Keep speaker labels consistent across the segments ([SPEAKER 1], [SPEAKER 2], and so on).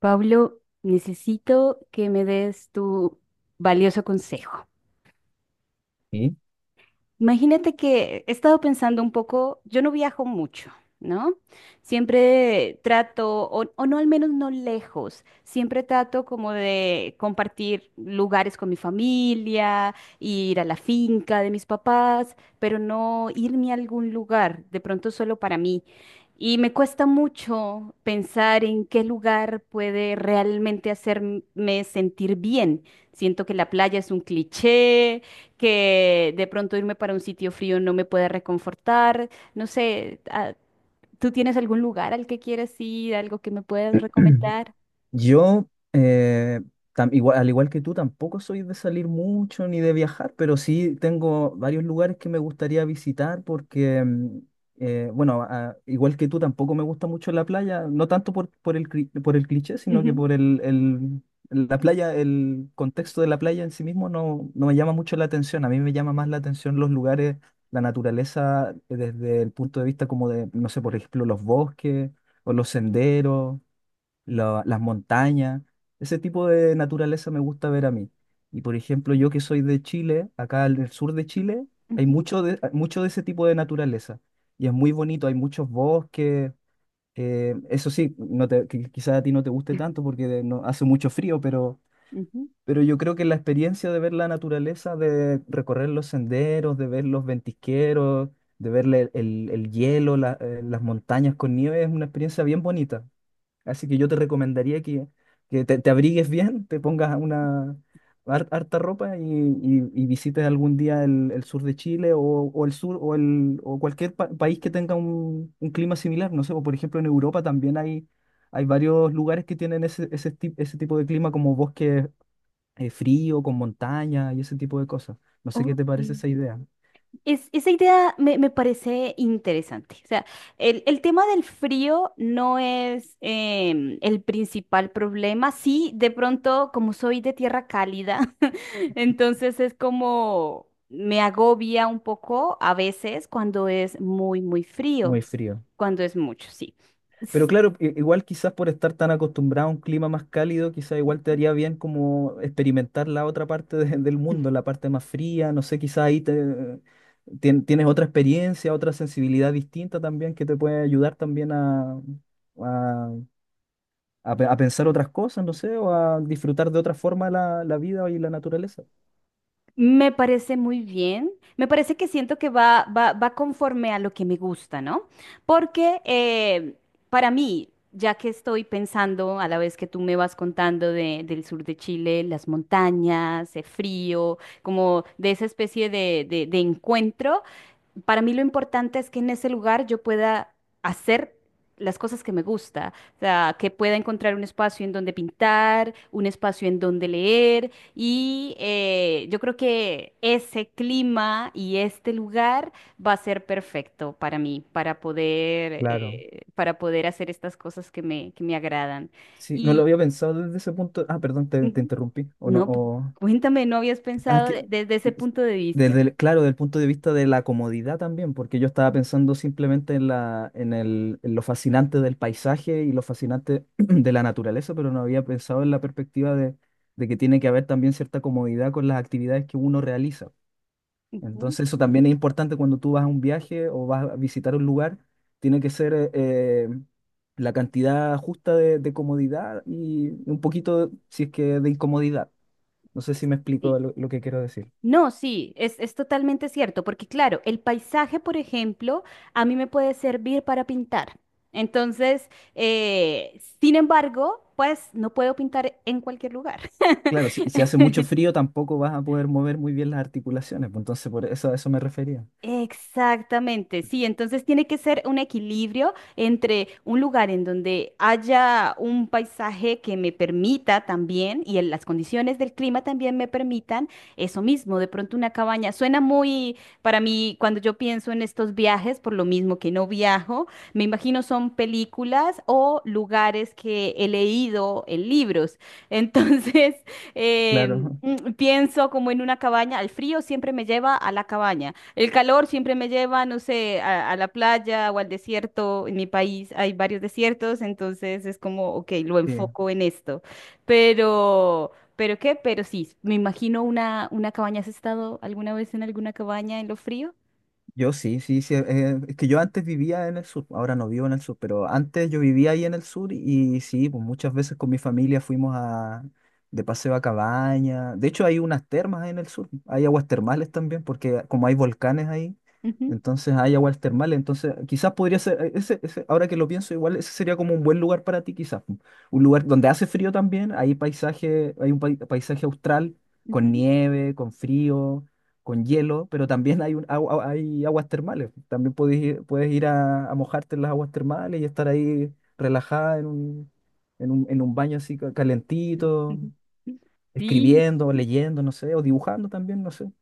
[SPEAKER 1] Pablo, necesito que me des tu valioso consejo.
[SPEAKER 2] Sí.
[SPEAKER 1] Imagínate que he estado pensando un poco, yo no viajo mucho, ¿no? Siempre trato, o, no al menos no lejos, siempre trato como de compartir lugares con mi familia, ir a la finca de mis papás, pero no irme a algún lugar, de pronto solo para mí. Y me cuesta mucho pensar en qué lugar puede realmente hacerme sentir bien. Siento que la playa es un cliché, que de pronto irme para un sitio frío no me puede reconfortar. No sé, ¿tú tienes algún lugar al que quieres ir, algo que me puedas recomendar?
[SPEAKER 2] Yo, eh, igual, al igual que tú, tampoco soy de salir mucho ni de viajar, pero sí tengo varios lugares que me gustaría visitar porque, bueno, igual que tú, tampoco me gusta mucho la playa, no tanto por, por el cliché, sino que
[SPEAKER 1] Ujú,
[SPEAKER 2] la playa, el contexto de la playa en sí mismo no me llama mucho la atención. A mí me llama más la atención los lugares, la naturaleza, desde el punto de vista como de, no sé, por ejemplo, los bosques o los senderos. La- las montañas, ese tipo de naturaleza me gusta ver a mí. Y por ejemplo, yo que soy de Chile, acá en el sur de Chile, hay
[SPEAKER 1] ujú,
[SPEAKER 2] mucho de ese tipo de naturaleza. Y es muy bonito, hay muchos bosques. Eso sí, no te, quizás a ti no te guste tanto porque no, hace mucho frío,
[SPEAKER 1] ujú.
[SPEAKER 2] pero yo creo que la experiencia de ver la naturaleza, de recorrer los senderos, de ver los ventisqueros, de ver el hielo, las montañas con nieve, es una experiencia bien bonita. Así que yo te recomendaría que te abrigues bien, te pongas una harta ropa y, y visites algún día el sur de Chile o el sur o, el, o cualquier país que tenga un clima similar. No sé, o por ejemplo en Europa también hay varios lugares que tienen ese, ese, ese tipo de clima como bosque frío, con montaña y ese tipo de cosas. No sé qué te parece
[SPEAKER 1] Ok.
[SPEAKER 2] esa idea.
[SPEAKER 1] Esa idea me parece interesante. O sea, el tema del frío no es el principal problema. Sí, de pronto, como soy de tierra cálida, entonces es como me agobia un poco a veces cuando es muy, muy frío,
[SPEAKER 2] Muy frío.
[SPEAKER 1] cuando es mucho, sí.
[SPEAKER 2] Pero claro, igual quizás por estar tan acostumbrado a un clima más cálido, quizás igual te haría bien como experimentar la otra parte del mundo, la parte más fría, no sé, quizás ahí te, tienes otra experiencia, otra sensibilidad distinta también que te puede ayudar también a, a pensar otras cosas, no sé, o a disfrutar de otra forma la, la vida y la naturaleza.
[SPEAKER 1] Me parece muy bien. Me parece que siento que va conforme a lo que me gusta, ¿no? Porque para mí, ya que estoy pensando a la vez que tú me vas contando del sur de Chile, las montañas, el frío, como de esa especie de, de encuentro, para mí lo importante es que en ese lugar yo pueda hacer las cosas que me gusta, o sea, que pueda encontrar un espacio en donde pintar, un espacio en donde leer y yo creo que ese clima y este lugar va a ser perfecto para mí,
[SPEAKER 2] Claro.
[SPEAKER 1] para poder hacer estas cosas que que me agradan.
[SPEAKER 2] Sí, no lo
[SPEAKER 1] Y
[SPEAKER 2] había pensado desde ese punto. Ah, perdón, te
[SPEAKER 1] ujú,
[SPEAKER 2] interrumpí, o
[SPEAKER 1] no,
[SPEAKER 2] no.
[SPEAKER 1] cuéntame, ¿no habías
[SPEAKER 2] Ah,
[SPEAKER 1] pensado desde ese punto de vista?
[SPEAKER 2] desde claro, del punto de vista de la comodidad también, porque yo estaba pensando simplemente en la, en el, en lo fascinante del paisaje y lo fascinante de la naturaleza, pero no había pensado en la perspectiva de que tiene que haber también cierta comodidad con las actividades que uno realiza.
[SPEAKER 1] Ujú,
[SPEAKER 2] Entonces, eso también es importante cuando tú vas a un viaje o vas a visitar un lugar, tiene que ser la cantidad justa de comodidad y un poquito, si es que, de incomodidad. No sé si me explico
[SPEAKER 1] sí.
[SPEAKER 2] lo que quiero decir.
[SPEAKER 1] No, sí, es totalmente cierto, porque claro, el paisaje, por ejemplo, a mí me puede servir para pintar. Entonces, sin embargo, pues no puedo pintar en cualquier lugar.
[SPEAKER 2] Claro, si, si hace mucho frío tampoco vas a poder mover muy bien las articulaciones, pues entonces por eso a eso me refería.
[SPEAKER 1] Exactamente, sí, entonces tiene que ser un equilibrio entre un lugar en donde haya un paisaje que me permita también y en las condiciones del clima también me permitan eso mismo, de pronto una cabaña. Suena muy, para mí, cuando yo pienso en estos viajes, por lo mismo que no viajo, me imagino son películas o lugares que he leído en libros. Entonces,
[SPEAKER 2] Claro,
[SPEAKER 1] pienso como en una cabaña, el frío siempre me lleva a la cabaña. El calor siempre me lleva, no sé, a la playa o al desierto. En mi país hay varios desiertos, entonces es como, ok, lo
[SPEAKER 2] sí.
[SPEAKER 1] enfoco en esto. ¿Pero qué? Pero sí, me imagino una cabaña. ¿Has estado alguna vez en alguna cabaña en lo frío?
[SPEAKER 2] Yo sí, sí, sí. Es que yo antes vivía en el sur, ahora no vivo en el sur, pero antes yo vivía ahí en el sur y, sí, pues muchas veces con mi familia fuimos a, de paseo a cabaña. De hecho, hay unas termas ahí en el sur, hay aguas termales también, porque como hay volcanes ahí,
[SPEAKER 1] Ujú,
[SPEAKER 2] entonces hay aguas termales. Entonces, quizás podría ser, ese, ahora que lo pienso, igual ese sería como un buen lugar para ti, quizás. Un lugar donde hace frío también, hay paisaje, hay un paisaje austral con
[SPEAKER 1] ujú,
[SPEAKER 2] nieve, con frío con hielo, pero también hay, un, hay aguas termales. También puedes ir a mojarte en las aguas termales y estar ahí relajada en un, en un, en un baño así calentito,
[SPEAKER 1] ujú. Sí,
[SPEAKER 2] escribiendo, leyendo, no sé, o dibujando también, no sé.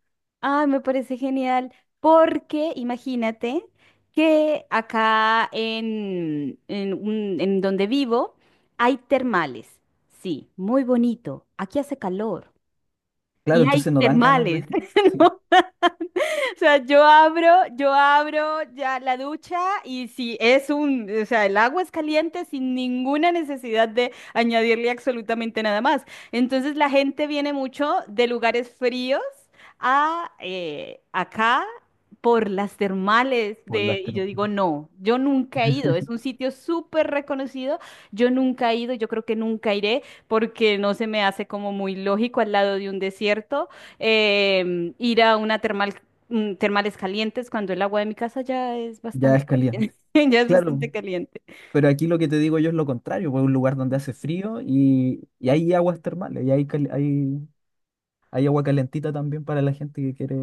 [SPEAKER 1] ay, me parece genial, porque imagínate que acá en donde vivo hay termales. Sí, muy bonito. Aquí hace calor
[SPEAKER 2] Claro,
[SPEAKER 1] y hay
[SPEAKER 2] entonces nos dan ganas
[SPEAKER 1] termales.
[SPEAKER 2] de sí.
[SPEAKER 1] O sea, yo abro ya la ducha y si es un, o sea, el agua es caliente sin ninguna necesidad de añadirle absolutamente nada más. Entonces la gente viene mucho de lugares fríos a acá por las termales
[SPEAKER 2] Por las
[SPEAKER 1] de, y yo
[SPEAKER 2] termas.
[SPEAKER 1] digo, no, yo nunca he ido, es un sitio súper reconocido, yo nunca he ido, yo creo que nunca iré porque no se me hace como muy lógico al lado de un desierto ir a una termal termales calientes cuando el agua de mi casa ya es
[SPEAKER 2] Ya
[SPEAKER 1] bastante
[SPEAKER 2] es caliente.
[SPEAKER 1] caliente, ya es
[SPEAKER 2] Claro,
[SPEAKER 1] bastante caliente.
[SPEAKER 2] pero aquí lo que te digo yo es lo contrario, pues un lugar donde hace frío y hay aguas termales, y hay, hay, hay agua calentita también para la gente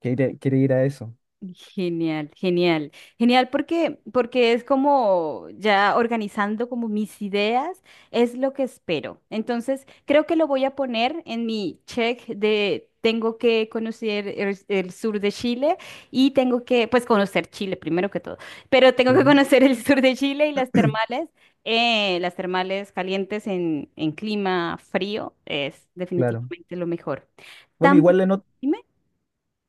[SPEAKER 2] que quiere, quiere ir a eso.
[SPEAKER 1] Genial, genial, genial porque, porque es como ya organizando como mis ideas, es lo que espero. Entonces, creo que lo voy a poner en mi check de tengo que conocer el sur de Chile y tengo que, pues conocer Chile primero que todo, pero tengo
[SPEAKER 2] Sí,
[SPEAKER 1] que conocer el sur de Chile y las termales calientes en clima frío es
[SPEAKER 2] claro.
[SPEAKER 1] definitivamente lo mejor.
[SPEAKER 2] Bueno,
[SPEAKER 1] También,
[SPEAKER 2] igual en,
[SPEAKER 1] dime.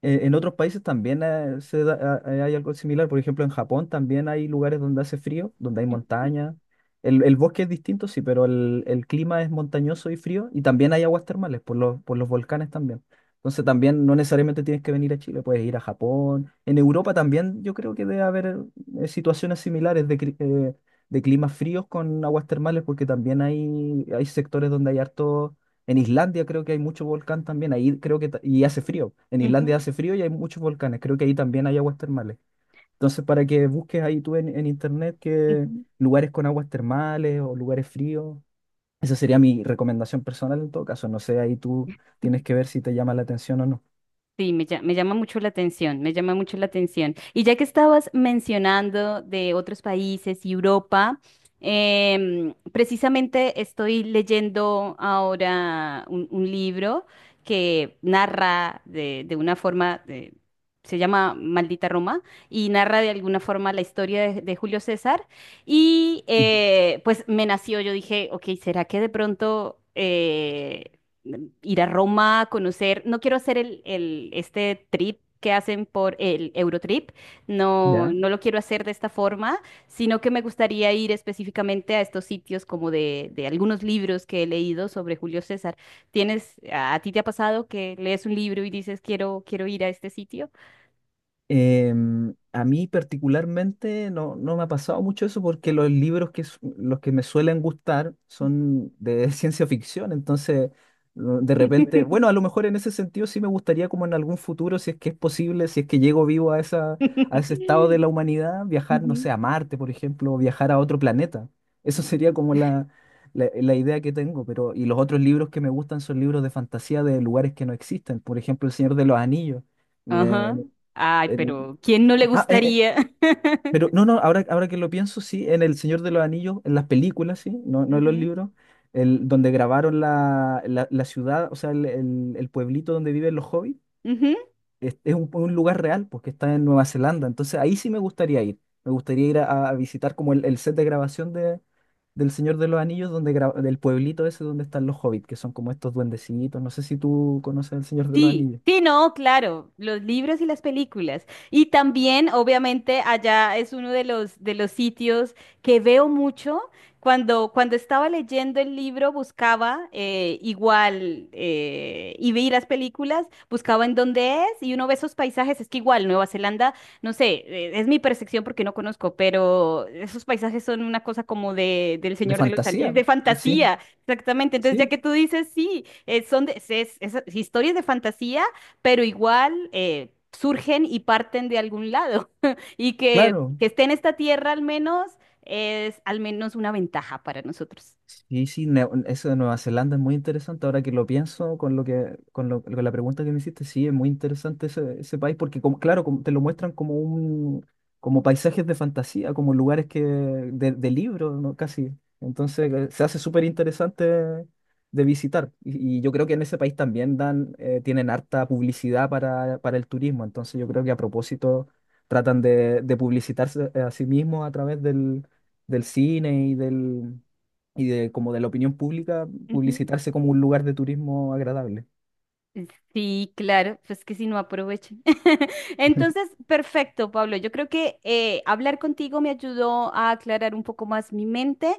[SPEAKER 2] en otros países también hay algo similar. Por ejemplo, en Japón también hay lugares donde hace frío, donde hay montaña. El bosque es distinto, sí, pero el clima es montañoso y frío. Y también hay aguas termales por los volcanes también. Entonces también no necesariamente tienes que venir a Chile, puedes ir a Japón. En Europa también yo creo que debe haber situaciones similares de, de climas fríos con aguas termales porque también hay sectores donde hay harto en Islandia creo que hay mucho volcán también, ahí creo que, y hace frío. En Islandia
[SPEAKER 1] Ujú,
[SPEAKER 2] hace frío y hay muchos volcanes, creo que ahí también hay aguas termales. Entonces, para que busques ahí tú en internet que
[SPEAKER 1] ujú.
[SPEAKER 2] lugares con aguas termales o lugares fríos, esa sería mi recomendación personal en todo caso. No sé, ahí tú tienes que ver si te llama la atención o no.
[SPEAKER 1] Sí, me llama mucho la atención, me llama mucho la atención. Y ya que estabas mencionando de otros países y Europa, precisamente estoy leyendo ahora un libro que narra de una forma, se llama Maldita Roma, y narra de alguna forma la historia de Julio César. Y pues me nació, yo dije, ok, ¿será que de pronto ir a Roma, conocer, no quiero hacer el, este trip que hacen por el Eurotrip, no,
[SPEAKER 2] ¿Ya?
[SPEAKER 1] no lo quiero hacer de esta forma, sino que me gustaría ir específicamente a estos sitios como de algunos libros que he leído sobre Julio César. ¿Tienes, a ti te ha pasado que lees un libro y dices, quiero ir a este sitio?
[SPEAKER 2] Em, a mí particularmente no, no me ha pasado mucho eso porque los libros que, los que me suelen gustar son de ciencia ficción, entonces de repente, bueno, a lo mejor en ese sentido sí me gustaría como en algún futuro, si es que es posible, si es que llego vivo a esa, a ese estado de la humanidad, viajar, no sé,
[SPEAKER 1] Ujú.
[SPEAKER 2] a Marte, por ejemplo, o viajar a otro planeta. Eso sería como la idea que tengo, pero y los otros libros que me gustan son libros de fantasía de lugares que no existen, por ejemplo, El Señor de los Anillos.
[SPEAKER 1] Ajá.
[SPEAKER 2] Me-
[SPEAKER 1] Ay,
[SPEAKER 2] en-
[SPEAKER 1] pero ¿quién no le
[SPEAKER 2] Ah, eh, eh,
[SPEAKER 1] gustaría?
[SPEAKER 2] pero no, no, ahora, ahora que lo pienso, sí, en El Señor de los Anillos, en las películas, sí, no, no en los
[SPEAKER 1] Ujú,
[SPEAKER 2] libros, el, donde grabaron la, la, la ciudad, o sea, el pueblito donde viven los hobbits,
[SPEAKER 1] ujú.
[SPEAKER 2] es un lugar real, porque está en Nueva Zelanda, entonces ahí sí me gustaría ir a visitar como el set de grabación de, del Señor de los Anillos, donde del pueblito ese donde están los hobbits, que son como estos duendecitos, no sé si tú conoces El Señor de los
[SPEAKER 1] Sí,
[SPEAKER 2] Anillos,
[SPEAKER 1] sí, no, claro, los libros y las películas. Y también, obviamente, allá es uno de los sitios que veo mucho. Cuando, cuando estaba leyendo el libro, buscaba igual y vi las películas, buscaba en dónde es y uno ve esos paisajes. Es que igual Nueva Zelanda, no sé, es mi percepción porque no conozco, pero esos paisajes son una cosa como de, del
[SPEAKER 2] de
[SPEAKER 1] Señor de los Anillos,
[SPEAKER 2] fantasía,
[SPEAKER 1] de
[SPEAKER 2] sí,
[SPEAKER 1] fantasía. Exactamente, entonces ya
[SPEAKER 2] sí,
[SPEAKER 1] que tú dices, sí, son es, es historias de fantasía, pero igual surgen y parten de algún lado. Y
[SPEAKER 2] claro.
[SPEAKER 1] que esté en esta tierra al menos es al menos una ventaja para nosotros.
[SPEAKER 2] Sí, sí, eso de Nueva Zelanda es muy interesante. Ahora que lo pienso con lo que, con con la pregunta que me hiciste, sí, es muy interesante ese, ese país, porque como, claro, como te lo muestran como un, como paisajes de fantasía, como lugares que, de libro, ¿no? Casi. Entonces, se hace súper interesante de visitar. Y yo creo que en ese país también dan, tienen harta publicidad para el turismo. Entonces, yo creo que a propósito tratan de publicitarse a sí mismos a través del, del cine y del y de como de la opinión pública, publicitarse como un lugar de turismo agradable.
[SPEAKER 1] Sí, claro, pues que si no aprovechen. Entonces, perfecto, Pablo. Yo creo que hablar contigo me ayudó a aclarar un poco más mi mente.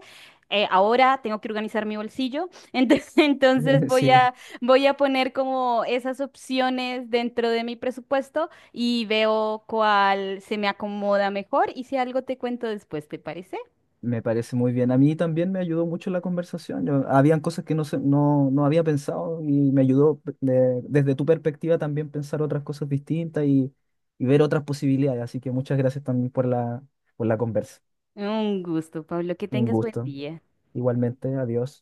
[SPEAKER 1] Ahora tengo que organizar mi bolsillo, entonces, entonces
[SPEAKER 2] Sí,
[SPEAKER 1] voy a poner como esas opciones dentro de mi presupuesto y veo cuál se me acomoda mejor y si algo te cuento después, ¿te parece?
[SPEAKER 2] me parece muy bien. A mí también me ayudó mucho la conversación. Habían cosas que no, no, no había pensado y me ayudó desde tu perspectiva también pensar otras cosas distintas y ver otras posibilidades. Así que muchas gracias también por la conversa.
[SPEAKER 1] Un gusto, Pablo, que
[SPEAKER 2] Un
[SPEAKER 1] tengas buen
[SPEAKER 2] gusto.
[SPEAKER 1] día.
[SPEAKER 2] Igualmente, adiós.